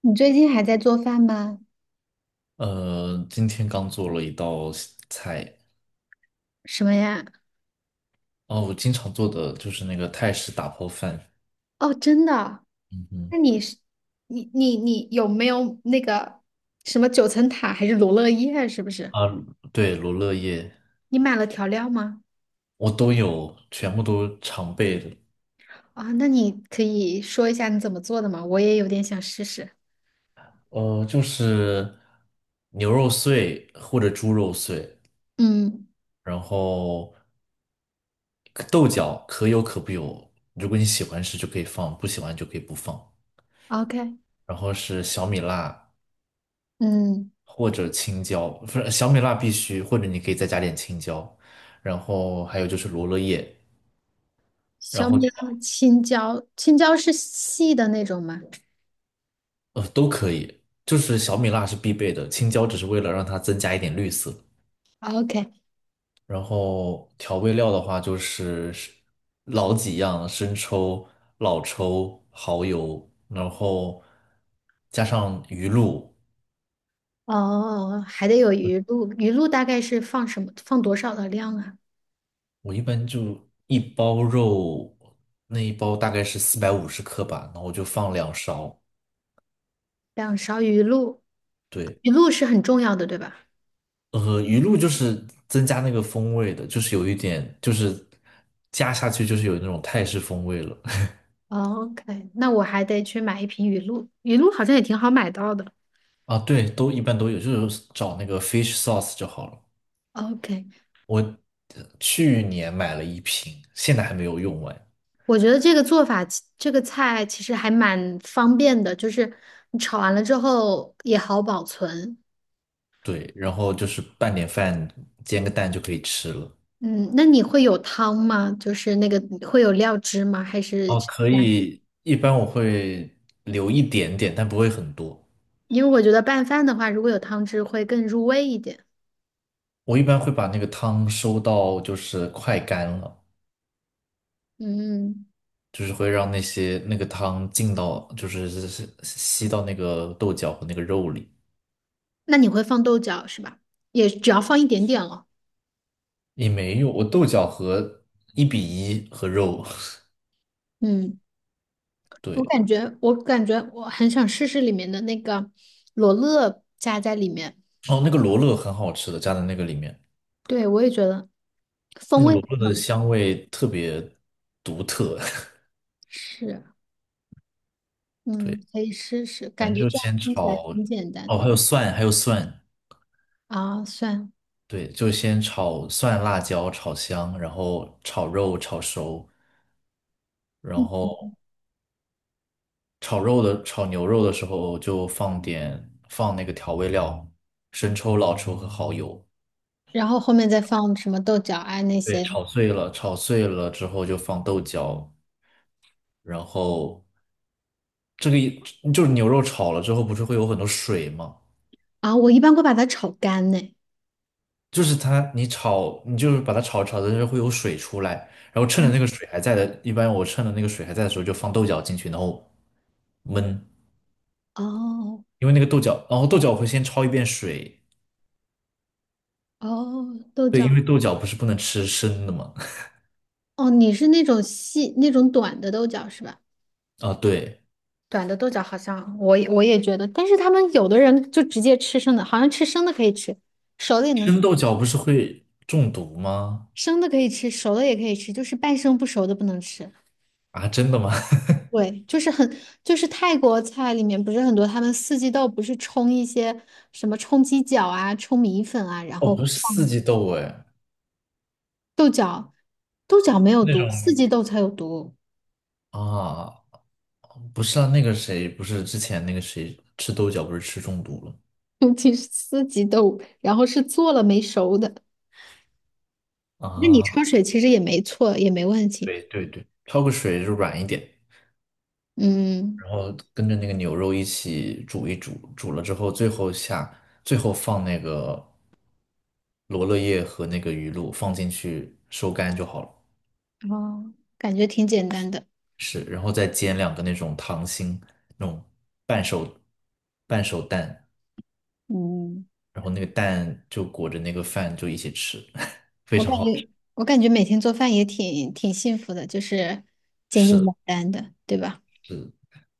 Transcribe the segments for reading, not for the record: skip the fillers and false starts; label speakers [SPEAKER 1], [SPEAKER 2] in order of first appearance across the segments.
[SPEAKER 1] 你最近还在做饭吗？
[SPEAKER 2] 今天刚做了一道西菜。
[SPEAKER 1] 什么呀？
[SPEAKER 2] 哦，我经常做的就是那个泰式打抛饭。
[SPEAKER 1] 哦，真的啊，
[SPEAKER 2] 嗯哼。
[SPEAKER 1] 那你是你有没有那个什么九层塔还是罗勒叶啊？是不是？
[SPEAKER 2] 啊，对，罗勒叶。
[SPEAKER 1] 你买了调料吗？
[SPEAKER 2] 我都有，全部都常备的。
[SPEAKER 1] 啊、那你可以说一下你怎么做的吗？我也有点想试试。
[SPEAKER 2] 就是牛肉碎或者猪肉碎，
[SPEAKER 1] 嗯
[SPEAKER 2] 然后豆角可有可不有，如果你喜欢吃就可以放，不喜欢就可以不放。
[SPEAKER 1] ，OK，
[SPEAKER 2] 然后是小米辣，
[SPEAKER 1] 嗯，
[SPEAKER 2] 或者青椒，不是小米辣必须，或者你可以再加点青椒。然后还有就是罗勒叶。然
[SPEAKER 1] 小
[SPEAKER 2] 后
[SPEAKER 1] 米辣、青椒，青椒是细的那种吗
[SPEAKER 2] 就是小米辣是必备的，青椒只是为了让它增加一点绿色。
[SPEAKER 1] ？OK，
[SPEAKER 2] 然后调味料的话就是老几样，生抽、老抽、蚝油，然后加上鱼露。
[SPEAKER 1] 哦，还得有鱼露，鱼露大概是放什么？放多少的量啊？
[SPEAKER 2] 我一般就一包肉，那一包大概是450克吧，然后我就放2勺。
[SPEAKER 1] 两勺鱼露，
[SPEAKER 2] 对。
[SPEAKER 1] 鱼露是很重要的，对吧
[SPEAKER 2] 鱼露就是增加那个风味的，就是有一点，就是加下去就是有那种泰式风味了。
[SPEAKER 1] ？OK，那我还得去买一瓶鱼露，鱼露好像也挺好买到的。
[SPEAKER 2] 啊，对，都一般都有，就是找那个 fish sauce 就好了。
[SPEAKER 1] OK，
[SPEAKER 2] 我去年买了一瓶，现在还没有用完。
[SPEAKER 1] 我觉得这个做法其这个菜其实还蛮方便的，就是你炒完了之后也好保存。
[SPEAKER 2] 对，然后就是拌点饭，煎个蛋就可以吃了。
[SPEAKER 1] 嗯，那你会有汤吗？就是那个会有料汁吗？还是
[SPEAKER 2] 哦，可以，一般我会留一点点，但不会很多。
[SPEAKER 1] 因为我觉得拌饭的话，如果有汤汁会更入味一点。
[SPEAKER 2] 我一般会把那个汤收到就是快干了。
[SPEAKER 1] 嗯，
[SPEAKER 2] 就是会让那些那个汤进到，就是吸到那个豆角和那个肉里。
[SPEAKER 1] 那你会放豆角是吧？也只要放一点点了。
[SPEAKER 2] 也没有，我豆角和1:1和肉。
[SPEAKER 1] 嗯。
[SPEAKER 2] 对。
[SPEAKER 1] 我感觉我很想试试里面的那个罗勒加在里面。
[SPEAKER 2] 哦，那个罗勒很好吃的，加在那个里面，
[SPEAKER 1] 对，我也觉得
[SPEAKER 2] 那
[SPEAKER 1] 风
[SPEAKER 2] 个
[SPEAKER 1] 味
[SPEAKER 2] 罗
[SPEAKER 1] 很
[SPEAKER 2] 勒的
[SPEAKER 1] 好。
[SPEAKER 2] 香味特别独特。
[SPEAKER 1] 是，
[SPEAKER 2] 对，
[SPEAKER 1] 嗯，可以试试，
[SPEAKER 2] 反
[SPEAKER 1] 感
[SPEAKER 2] 正
[SPEAKER 1] 觉
[SPEAKER 2] 就
[SPEAKER 1] 这样
[SPEAKER 2] 先
[SPEAKER 1] 听起来
[SPEAKER 2] 炒。
[SPEAKER 1] 挺简单
[SPEAKER 2] 哦，还
[SPEAKER 1] 的。
[SPEAKER 2] 有蒜，还有蒜。
[SPEAKER 1] 啊，算。
[SPEAKER 2] 对，就先炒蒜、辣椒炒香，然后炒肉炒熟，然后炒牛肉的时候就放那个调味料，生抽、老抽和蚝油。
[SPEAKER 1] 然后后面再放什么豆角啊那
[SPEAKER 2] 对，
[SPEAKER 1] 些。
[SPEAKER 2] 炒碎了，炒碎了之后就放豆角，然后这个一就是牛肉炒了之后不是会有很多水吗？
[SPEAKER 1] 啊，我一般会把它炒干呢。
[SPEAKER 2] 就是它你炒你就是把它炒炒的时候会有水出来，然后趁着那个水还在的，一般我趁着那个水还在的时候就放豆角进去，然后焖。
[SPEAKER 1] 哦，
[SPEAKER 2] 因为那个豆角，然后豆角我会先焯一遍水。
[SPEAKER 1] 哦，豆
[SPEAKER 2] 对，因为
[SPEAKER 1] 角，
[SPEAKER 2] 豆角不是不能吃生的嘛。
[SPEAKER 1] 哦，你是那种细那种短的豆角是吧？
[SPEAKER 2] 啊，对，
[SPEAKER 1] 短的豆角好像我也觉得，但是他们有的人就直接吃生的，好像吃生的可以吃，熟的也能，
[SPEAKER 2] 生豆角不是会中毒吗？
[SPEAKER 1] 生的可以吃，熟的也可以吃，就是半生不熟的不能吃。
[SPEAKER 2] 啊，真的吗？
[SPEAKER 1] 对，就是很，就是泰国菜里面不是很多，他们四季豆不是冲一些什么冲鸡脚啊、冲米粉啊，然
[SPEAKER 2] 哦，
[SPEAKER 1] 后
[SPEAKER 2] 不是四
[SPEAKER 1] 放
[SPEAKER 2] 季豆哎。
[SPEAKER 1] 豆角，豆角没有
[SPEAKER 2] 那种
[SPEAKER 1] 毒，四季豆才有毒，
[SPEAKER 2] 啊，不是啊，那个谁，不是之前那个谁吃豆角不是吃中毒
[SPEAKER 1] 尤其是四季豆，然后是做了没熟的，
[SPEAKER 2] 了
[SPEAKER 1] 那你焯
[SPEAKER 2] 啊？
[SPEAKER 1] 水其实也没错，也没问题，
[SPEAKER 2] 对对对，焯个水就软一点，
[SPEAKER 1] 嗯。
[SPEAKER 2] 然后跟着那个牛肉一起煮一煮，煮了之后最后下，最后放那个罗勒叶和那个鱼露放进去收干就好了。
[SPEAKER 1] 哦，感觉挺简单的。
[SPEAKER 2] 是，然后再煎两个那种糖心，那种半熟半熟蛋，
[SPEAKER 1] 嗯，
[SPEAKER 2] 然后那个蛋就裹着那个饭就一起吃，非
[SPEAKER 1] 我
[SPEAKER 2] 常
[SPEAKER 1] 感
[SPEAKER 2] 好吃。
[SPEAKER 1] 觉我感觉每天做饭也挺挺幸福的，就是简简
[SPEAKER 2] 是
[SPEAKER 1] 单单的，对吧？
[SPEAKER 2] 是，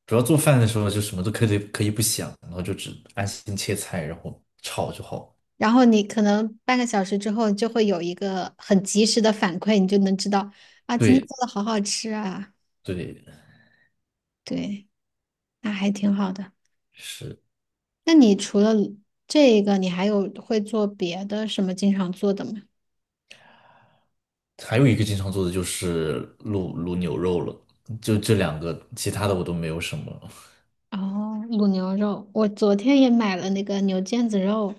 [SPEAKER 2] 主要做饭的时候就什么都可以不想，然后就只安心切菜，然后炒就好。
[SPEAKER 1] 然后你可能半个小时之后就会有一个很及时的反馈，你就能知道啊，今天
[SPEAKER 2] 对
[SPEAKER 1] 做的好好吃啊。
[SPEAKER 2] 对。
[SPEAKER 1] 对，那还挺好的。
[SPEAKER 2] 是。
[SPEAKER 1] 那你除了这个，你还有会做别的什么经常做的吗？
[SPEAKER 2] 还有一个经常做的就是卤牛肉了，就这两个，其他的我都没有什么。
[SPEAKER 1] 哦，卤牛肉，我昨天也买了那个牛腱子肉，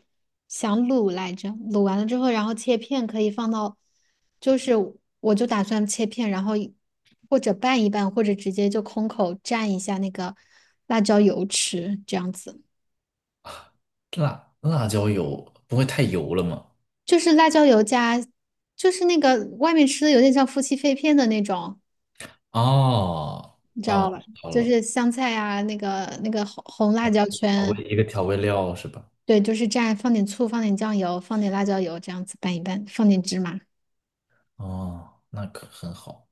[SPEAKER 1] 想卤来着，卤完了之后，然后切片可以放到，就是我就打算切片，然后一或者拌一拌，或者直接就空口蘸一下那个辣椒油吃，这样子，
[SPEAKER 2] 辣椒油不会太油了吗？
[SPEAKER 1] 就是辣椒油加，就是那个外面吃的有点像夫妻肺片的那种，
[SPEAKER 2] 哦
[SPEAKER 1] 你知
[SPEAKER 2] 哦，
[SPEAKER 1] 道
[SPEAKER 2] 我
[SPEAKER 1] 吧？
[SPEAKER 2] 知道
[SPEAKER 1] 就
[SPEAKER 2] 了。
[SPEAKER 1] 是香菜啊，那个红红辣椒圈。
[SPEAKER 2] 一个调味料是吧？
[SPEAKER 1] 对，就是蘸放点醋，放点酱油，放点辣椒油，这样子拌一拌，放点芝麻。
[SPEAKER 2] 哦，那可很好。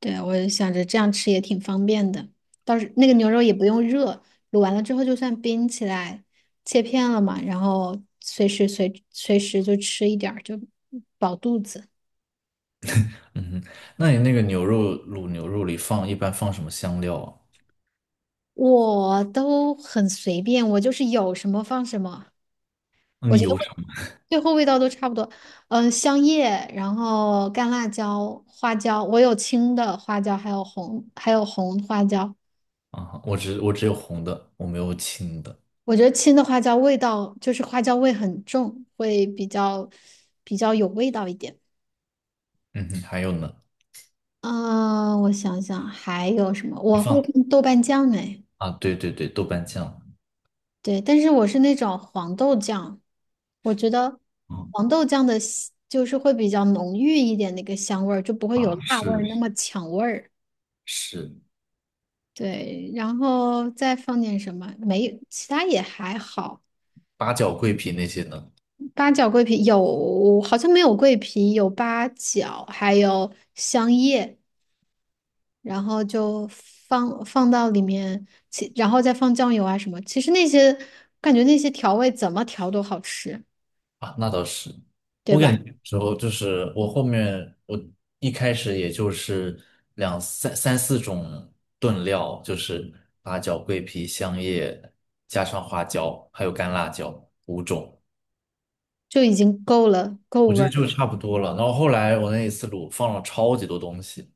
[SPEAKER 1] 对，我想着这样吃也挺方便的，到时那个牛肉也不用热，卤完了之后就算冰起来，切片了嘛，然后随时就吃一点儿，就饱肚子。
[SPEAKER 2] 嗯哼，那你那个牛肉卤牛肉里一般放什么香料啊？
[SPEAKER 1] 我都很随便，我就是有什么放什么，我
[SPEAKER 2] 你
[SPEAKER 1] 觉得
[SPEAKER 2] 有什
[SPEAKER 1] 味
[SPEAKER 2] 么
[SPEAKER 1] 最后味道都差不多。嗯、香叶，然后干辣椒、花椒，我有青的花椒，还有红花椒。
[SPEAKER 2] 啊？我只有红的，我没有青的。
[SPEAKER 1] 我觉得青的花椒味道就是花椒味很重，会比较比较有味道一点。
[SPEAKER 2] 嗯哼，还有呢？
[SPEAKER 1] 啊、我想想还有什么？
[SPEAKER 2] 你
[SPEAKER 1] 我会
[SPEAKER 2] 放
[SPEAKER 1] 看豆瓣酱哎，
[SPEAKER 2] 啊？对对对，豆瓣酱。
[SPEAKER 1] 对，但是我是那种黄豆酱，我觉得
[SPEAKER 2] 嗯
[SPEAKER 1] 黄豆酱的香就是会比较浓郁一点那个香味儿，就不会有
[SPEAKER 2] 啊，
[SPEAKER 1] 辣味
[SPEAKER 2] 是
[SPEAKER 1] 儿那么抢味儿。
[SPEAKER 2] 是，
[SPEAKER 1] 对，然后再放点什么？没，其他也还好。
[SPEAKER 2] 八角、桂皮那些呢？
[SPEAKER 1] 八角桂皮有，好像没有桂皮，有八角，还有香叶，然后就放放到里面，然后再放酱油啊什么。其实那些感觉那些调味怎么调都好吃，
[SPEAKER 2] 啊，那倒是，
[SPEAKER 1] 对
[SPEAKER 2] 我感
[SPEAKER 1] 吧？
[SPEAKER 2] 觉有时候就是我后面我一开始也就是两三三四种炖料，就是八角、桂皮、香叶，加上花椒，还有干辣椒五种，
[SPEAKER 1] 就已经够了，够
[SPEAKER 2] 我觉
[SPEAKER 1] 味
[SPEAKER 2] 得
[SPEAKER 1] 儿了。
[SPEAKER 2] 就差不多了。然后后来我那一次卤放了超级多东西，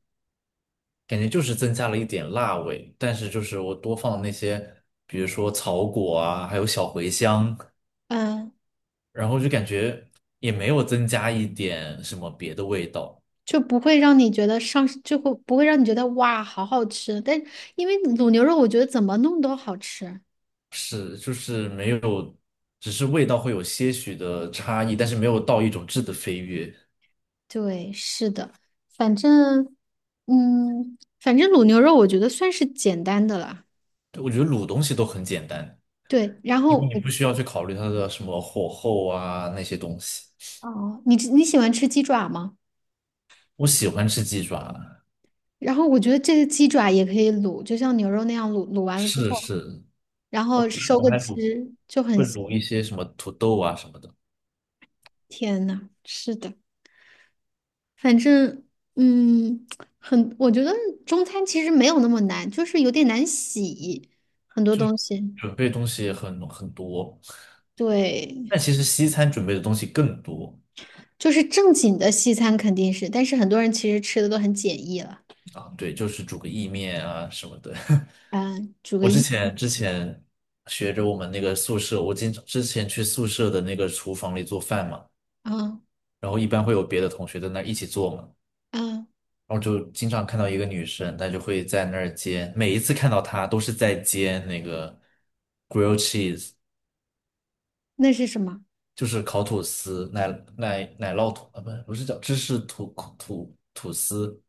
[SPEAKER 2] 感觉就是增加了一点辣味，但是就是我多放了那些，比如说草果啊，还有小茴香，
[SPEAKER 1] 嗯，
[SPEAKER 2] 然后就感觉也没有增加一点什么别的味道。
[SPEAKER 1] 就不会让你觉得上，就会不会让你觉得哇，好好吃。但因为卤牛肉，我觉得怎么弄都好吃。
[SPEAKER 2] 是，就是没有，只是味道会有些许的差异，但是没有到一种质的飞跃。
[SPEAKER 1] 对，是的，反正，嗯，反正卤牛肉我觉得算是简单的啦。
[SPEAKER 2] 对我觉得卤东西都很简单，
[SPEAKER 1] 对，然
[SPEAKER 2] 因为
[SPEAKER 1] 后
[SPEAKER 2] 你
[SPEAKER 1] 我，
[SPEAKER 2] 不需要去考虑它的什么火候啊那些东西。
[SPEAKER 1] 哦，你吃你喜欢吃鸡爪吗？
[SPEAKER 2] 我喜欢吃鸡爪，
[SPEAKER 1] 然后我觉得这个鸡爪也可以卤，就像牛肉那样卤，卤完了之
[SPEAKER 2] 是
[SPEAKER 1] 后，
[SPEAKER 2] 是，
[SPEAKER 1] 然
[SPEAKER 2] 我
[SPEAKER 1] 后
[SPEAKER 2] 觉得
[SPEAKER 1] 收
[SPEAKER 2] 我
[SPEAKER 1] 个
[SPEAKER 2] 还卤
[SPEAKER 1] 汁就很
[SPEAKER 2] 会
[SPEAKER 1] 香。
[SPEAKER 2] 卤一些什么土豆啊什么的，
[SPEAKER 1] 天呐，是的，反正，嗯，很，我觉得中餐其实没有那么难，就是有点难洗很多东西。
[SPEAKER 2] 准备东西很多，但
[SPEAKER 1] 对，
[SPEAKER 2] 其实西餐准备的东西更多。
[SPEAKER 1] 就是正经的西餐肯定是，但是很多人其实吃的都很简易了。
[SPEAKER 2] 啊，对，就是煮个意面啊什么的。
[SPEAKER 1] 嗯，煮个
[SPEAKER 2] 我之
[SPEAKER 1] 一，
[SPEAKER 2] 前之前学着我们那个宿舍，我经常之前去宿舍的那个厨房里做饭嘛，
[SPEAKER 1] 嗯
[SPEAKER 2] 然后一般会有别的同学在那儿一起做嘛，
[SPEAKER 1] 嗯，
[SPEAKER 2] 然后就经常看到一个女生，她就会在那儿煎，每一次看到她都是在煎那个 grilled cheese。
[SPEAKER 1] 那是什么？
[SPEAKER 2] 就是烤吐司、奶酪吐啊，不是叫芝士吐司，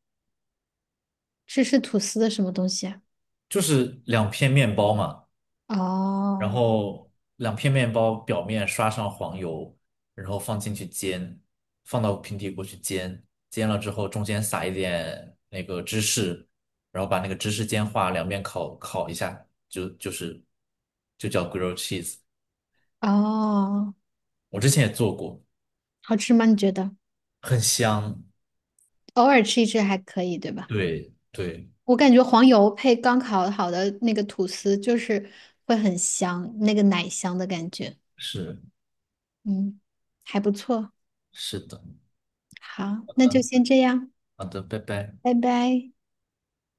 [SPEAKER 1] 这是吐司的什么东西啊？
[SPEAKER 2] 就是两片面包嘛。然
[SPEAKER 1] 哦，
[SPEAKER 2] 后两片面包表面刷上黄油，然后放进去煎，放到平底锅去煎，煎了之后中间撒一点那个芝士，然后把那个芝士煎化，两边烤烤一下，就叫 grilled cheese。
[SPEAKER 1] 哦，
[SPEAKER 2] 我之前也做过，
[SPEAKER 1] 好吃吗？你觉得？
[SPEAKER 2] 很香。
[SPEAKER 1] 偶尔吃一吃还可以，对吧？
[SPEAKER 2] 对对，
[SPEAKER 1] 我感觉黄油配刚烤好的那个吐司，就是会很香，那个奶香的感觉。
[SPEAKER 2] 是
[SPEAKER 1] 嗯，还不错。
[SPEAKER 2] 是的，嗯，
[SPEAKER 1] 好，那就先这样，
[SPEAKER 2] 好的，拜拜。
[SPEAKER 1] 拜拜。